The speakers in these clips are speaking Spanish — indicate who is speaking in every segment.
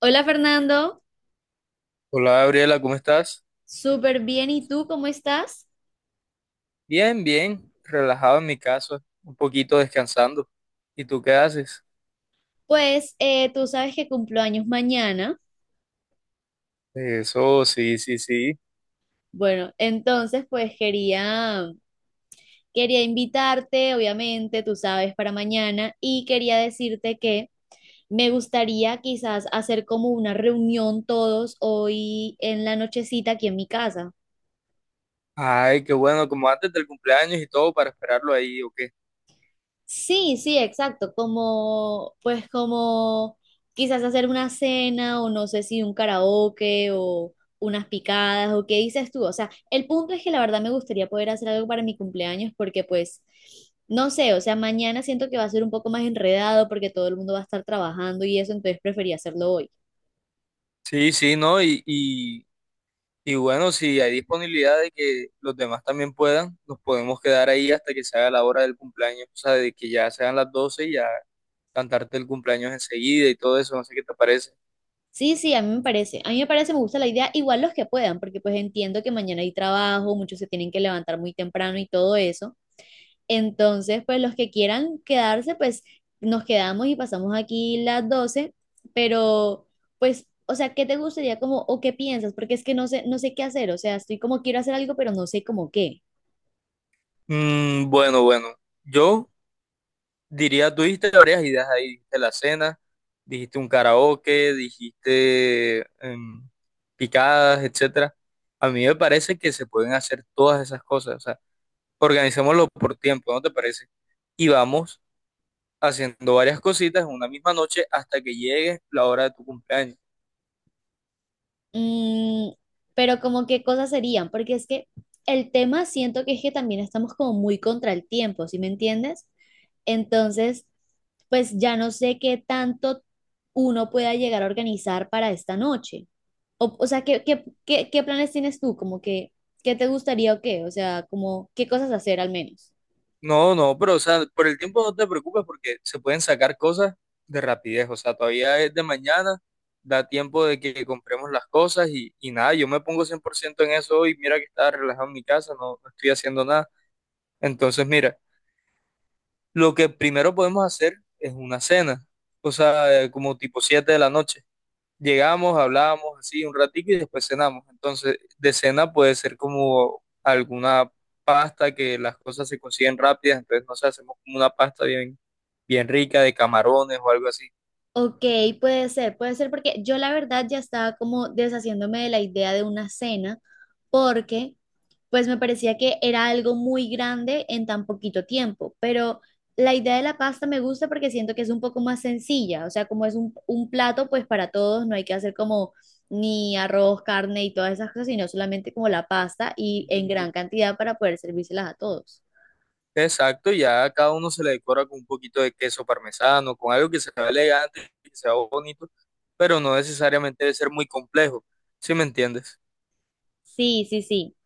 Speaker 1: Hola Fernando,
Speaker 2: Hola Gabriela, ¿cómo estás?
Speaker 1: súper bien. ¿Y tú cómo estás?
Speaker 2: Bien, bien, relajado en mi casa, un poquito descansando. ¿Y tú qué haces?
Speaker 1: Pues tú sabes que cumplo años mañana.
Speaker 2: Eso, sí, sí, sí.
Speaker 1: Bueno, entonces pues quería invitarte, obviamente, tú sabes, para mañana y quería decirte que me gustaría quizás hacer como una reunión todos hoy en la nochecita aquí en mi casa.
Speaker 2: Ay, qué bueno, como antes del cumpleaños y todo para esperarlo ahí, ¿o qué?
Speaker 1: Sí, sí, exacto, como, pues como quizás hacer una cena o no sé si un karaoke o unas picadas o qué dices tú, o sea, el punto es que la verdad me gustaría poder hacer algo para mi cumpleaños porque pues, no sé, o sea, mañana siento que va a ser un poco más enredado porque todo el mundo va a estar trabajando y eso, entonces prefería hacerlo hoy.
Speaker 2: Sí, sí, ¿no? Y bueno, si hay disponibilidad de que los demás también puedan, nos podemos quedar ahí hasta que se haga la hora del cumpleaños, o sea, de que ya sean las 12 y ya cantarte el cumpleaños enseguida y todo eso, no sé qué te parece.
Speaker 1: Sí, sí, a mí me parece, me gusta la idea, igual los que puedan, porque pues entiendo que mañana hay trabajo, muchos se tienen que levantar muy temprano y todo eso. Entonces, pues los que quieran quedarse, pues nos quedamos y pasamos aquí las 12, pero pues, o sea, ¿qué te gustaría como o qué piensas? Porque es que no sé, no sé qué hacer, o sea, estoy como quiero hacer algo, pero no sé como qué.
Speaker 2: Mm, bueno, bueno, yo diría, tú dijiste varias ideas ahí, dijiste la cena, dijiste un karaoke, dijiste picadas, etcétera. A mí me parece que se pueden hacer todas esas cosas, o sea, organizémoslo por tiempo, ¿no te parece? Y vamos haciendo varias cositas en una misma noche hasta que llegue la hora de tu cumpleaños.
Speaker 1: Mm, pero como qué cosas serían, porque es que el tema siento que es que también estamos como muy contra el tiempo, ¿sí me entiendes? Entonces, pues ya no sé qué tanto uno pueda llegar a organizar para esta noche. O sea, ¿qué planes tienes tú? Como que, ¿qué te gustaría o qué? O sea, como, ¿qué cosas hacer al menos?
Speaker 2: No, no, pero o sea, por el tiempo no te preocupes porque se pueden sacar cosas de rapidez. O sea, todavía es de mañana, da tiempo de que compremos las cosas y nada, yo me pongo 100% en eso hoy. Mira que estaba relajado en mi casa, no, no estoy haciendo nada. Entonces, mira, lo que primero podemos hacer es una cena, o sea, como tipo 7 de la noche. Llegamos, hablábamos así un ratico y después cenamos. Entonces, de cena puede ser como alguna pasta que las cosas se consiguen rápidas, entonces no sé, hacemos como una pasta bien, bien rica de camarones o algo así.
Speaker 1: Ok, puede ser porque yo la verdad ya estaba como deshaciéndome de la idea de una cena, porque pues me parecía que era algo muy grande en tan poquito tiempo, pero la idea de la pasta me gusta porque siento que es un poco más sencilla, o sea, como es un plato, pues para todos no hay que hacer como ni arroz, carne y todas esas cosas, sino solamente como la pasta y en
Speaker 2: Ujú.
Speaker 1: gran cantidad para poder servírselas a todos.
Speaker 2: Exacto, ya a cada uno se le decora con un poquito de queso parmesano, con algo que se vea elegante, que se vea bonito, pero no necesariamente debe ser muy complejo, ¿sí me entiendes?
Speaker 1: Sí, sí, sí.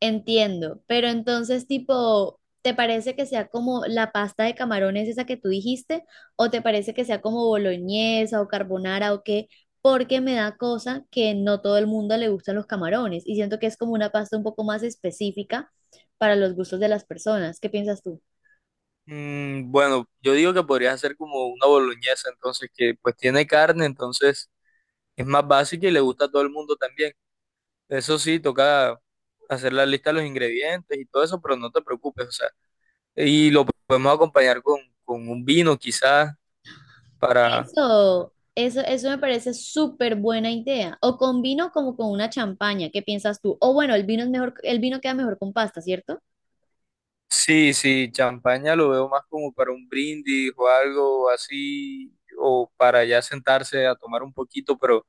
Speaker 1: Entiendo, pero entonces tipo, ¿te parece que sea como la pasta de camarones esa que tú dijiste? ¿O te parece que sea como boloñesa o carbonara o qué? Porque me da cosa que no todo el mundo le gustan los camarones y siento que es como una pasta un poco más específica para los gustos de las personas. ¿Qué piensas tú?
Speaker 2: Mm, bueno, yo digo que podrías hacer como una boloñesa, entonces que pues tiene carne, entonces es más básica y le gusta a todo el mundo también. Eso sí, toca hacer la lista de los ingredientes y todo eso, pero no te preocupes, o sea, y lo podemos acompañar con un vino quizás para,
Speaker 1: Eso me parece súper buena idea. O con vino como con una champaña, ¿qué piensas tú? O bueno, el vino es mejor, el vino queda mejor con pasta, ¿cierto?
Speaker 2: sí, sí, champaña lo veo más como para un brindis o algo así, o para ya sentarse a tomar un poquito,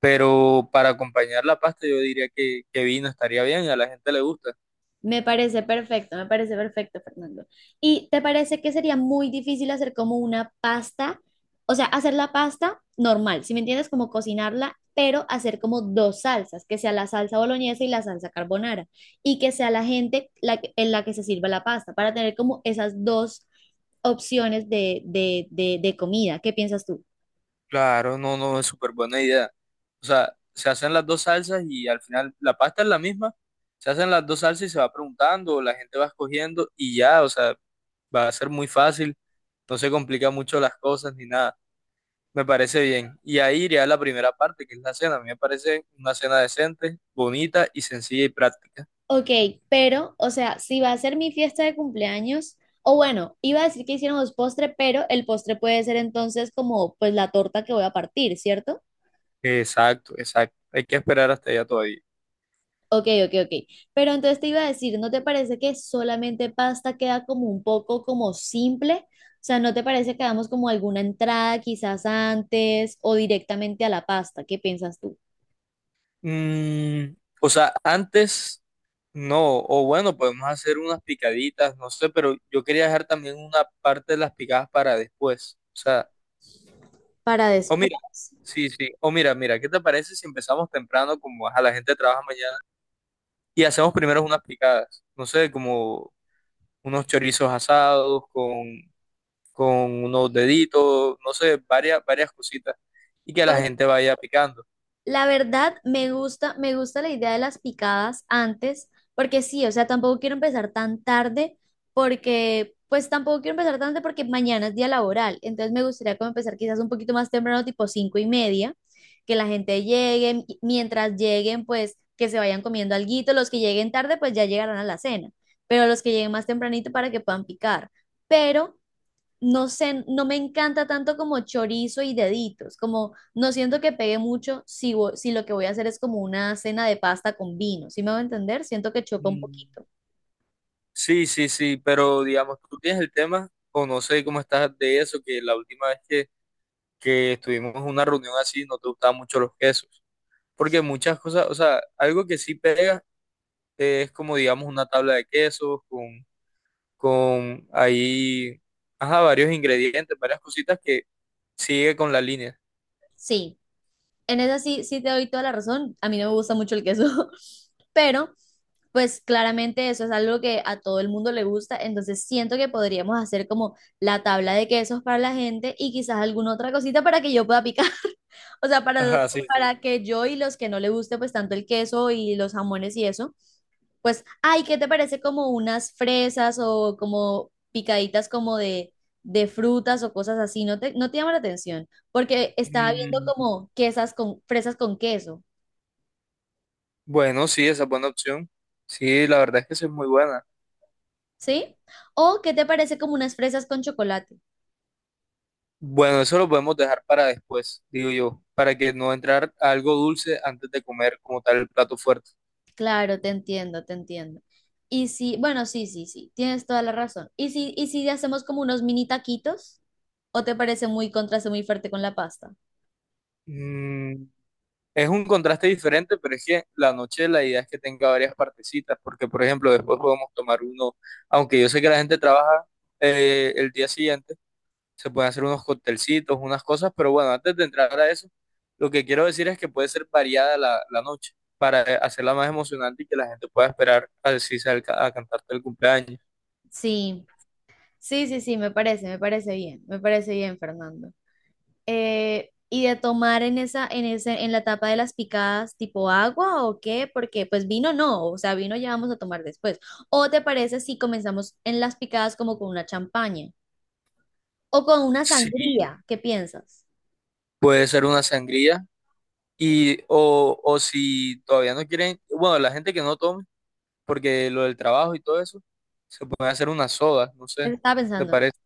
Speaker 2: pero para acompañar la pasta yo diría que vino estaría bien a la gente le gusta.
Speaker 1: Me parece perfecto, Fernando. ¿Y te parece que sería muy difícil hacer como una pasta? O sea, hacer la pasta normal, si me entiendes, como cocinarla, pero hacer como dos salsas, que sea la salsa boloñesa y la salsa carbonara, y que sea la gente en la que se sirva la pasta, para tener como esas dos opciones de comida. ¿Qué piensas tú?
Speaker 2: Claro, no, no, es súper buena idea. O sea, se hacen las dos salsas y al final la pasta es la misma. Se hacen las dos salsas y se va preguntando, la gente va escogiendo y ya, o sea, va a ser muy fácil, no se complica mucho las cosas ni nada. Me parece bien. Y ahí iría la primera parte, que es la cena. A mí me parece una cena decente, bonita y sencilla y práctica.
Speaker 1: Ok, pero, o sea, si va a ser mi fiesta de cumpleaños, o bueno, iba a decir que hiciéramos postre, pero el postre puede ser entonces como pues la torta que voy a partir, ¿cierto?
Speaker 2: Exacto, exacto. Hay que esperar hasta allá todavía.
Speaker 1: Ok. Pero entonces te iba a decir, ¿no te parece que solamente pasta queda como un poco como simple? O sea, ¿no te parece que hagamos como alguna entrada quizás antes o directamente a la pasta? ¿Qué piensas tú?
Speaker 2: Mm, o sea, antes no, o bueno, podemos hacer unas picaditas, no sé, pero yo quería dejar también una parte de las picadas para después. O sea,
Speaker 1: Para
Speaker 2: o
Speaker 1: después.
Speaker 2: mira, sí, sí, mira, ¿qué te parece si empezamos temprano, como a la gente trabaja mañana, y hacemos primero unas picadas? No sé, como unos chorizos asados con, unos deditos, no sé, varias cositas, y que la
Speaker 1: Pues
Speaker 2: gente vaya picando.
Speaker 1: La verdad, me gusta la idea de las picadas antes, porque sí, o sea, tampoco quiero empezar tan tarde, porque, pues tampoco quiero empezar tan tarde porque mañana es día laboral, entonces me gustaría como empezar quizás un poquito más temprano, tipo 5:30, que la gente llegue, y mientras lleguen, pues que se vayan comiendo alguito, los que lleguen tarde, pues ya llegarán a la cena, pero los que lleguen más tempranito para que puedan picar, pero no sé, no me encanta tanto como chorizo y deditos, como no siento que pegue mucho si, si lo que voy a hacer es como una cena de pasta con vino, ¿sí me va a entender? Siento que choca un
Speaker 2: Mm.
Speaker 1: poquito.
Speaker 2: Sí, sí, sí, pero digamos, tú tienes el tema, o no sé cómo estás de eso, que la última vez que estuvimos en una reunión así, no te gustaban mucho los quesos. Porque muchas cosas, o sea, algo que sí pega es como, digamos, una tabla de quesos con ahí, ajá, varios ingredientes, varias cositas que sigue con la línea.
Speaker 1: Sí, en esa sí, sí te doy toda la razón, a mí no me gusta mucho el queso, pero pues claramente eso es algo que a todo el mundo le gusta, entonces siento que podríamos hacer como la tabla de quesos para la gente y quizás alguna otra cosita para que yo pueda picar. O sea,
Speaker 2: Ajá, sí, sí.
Speaker 1: para que yo y los que no le guste pues tanto el queso y los jamones y eso, pues, ay, ¿qué te parece como unas fresas o como picaditas como de frutas o cosas así? No te llama la atención, porque estaba viendo
Speaker 2: Mm,
Speaker 1: como quesas con, fresas con queso,
Speaker 2: bueno, sí, esa es buena opción. Sí, la verdad es que esa es muy buena.
Speaker 1: ¿sí? O ¿qué te parece como unas fresas con chocolate?
Speaker 2: Bueno, eso lo podemos dejar para después, digo yo, para que no entrar algo dulce antes de comer como tal el plato fuerte.
Speaker 1: Te entiendo. Y sí bueno, sí, sí, sí, tienes toda la razón. Y si hacemos como unos mini taquitos? ¿O te parece muy contraste muy fuerte con la pasta?
Speaker 2: Mm, es un contraste diferente, pero es que la noche la idea es que tenga varias partecitas, porque por ejemplo después podemos tomar uno, aunque yo sé que la gente trabaja el día siguiente, se pueden hacer unos coctelcitos, unas cosas, pero bueno, antes de entrar a eso, lo que quiero decir es que puede ser variada la, la noche para hacerla más emocionante y que la gente pueda esperar a decirse a cantarte el cumpleaños.
Speaker 1: Sí, sí, me parece bien, Fernando. Y de tomar en en la tapa de las picadas, tipo agua o qué, porque pues vino no, o sea, vino ya vamos a tomar después. ¿O te parece si comenzamos en las picadas como con una champaña o con una
Speaker 2: Sí,
Speaker 1: sangría? ¿Qué piensas?
Speaker 2: puede ser una sangría y o si todavía no quieren, bueno, la gente que no toma porque lo del trabajo y todo eso, se puede hacer una soda, no sé,
Speaker 1: Eso estaba
Speaker 2: ¿qué te
Speaker 1: pensando.
Speaker 2: parece?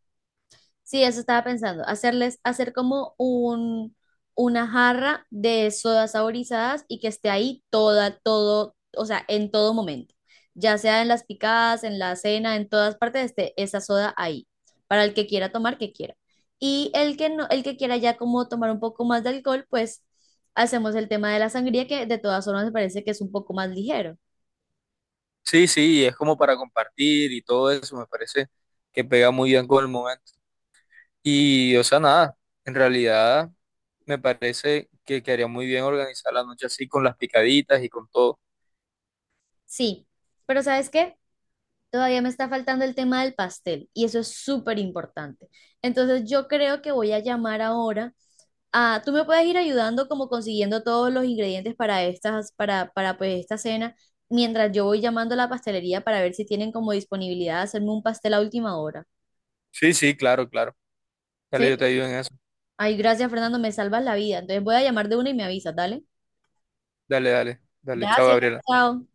Speaker 1: Sí, eso estaba pensando, hacer como una jarra de sodas saborizadas y que esté ahí todo, o sea, en todo momento, ya sea en las picadas, en la cena, en todas partes esté esa soda ahí, para el que quiera tomar, que quiera. Y el que no, el que quiera ya como tomar un poco más de alcohol, pues hacemos el tema de la sangría, que de todas formas me parece que es un poco más ligero.
Speaker 2: Sí, sí, es como para compartir y todo eso, me parece que pega muy bien con el momento. Y, o sea, nada, en realidad me parece que quedaría muy bien organizar la noche así con las picaditas y con todo.
Speaker 1: Sí, pero ¿sabes qué? Todavía me está faltando el tema del pastel y eso es súper importante. Entonces yo creo que voy a llamar ahora a, tú me puedes ir ayudando como consiguiendo todos los ingredientes para para pues esta cena, mientras yo voy llamando a la pastelería para ver si tienen como disponibilidad de hacerme un pastel a última hora.
Speaker 2: Sí, sí, claro, claro. Dale, yo
Speaker 1: ¿Sí?
Speaker 2: te ayudo en eso.
Speaker 1: Ay, gracias Fernando, me salvas la vida. Entonces voy a llamar de una y me avisas, dale.
Speaker 2: Dale, dale, dale, chao,
Speaker 1: Gracias,
Speaker 2: Gabriela.
Speaker 1: chao.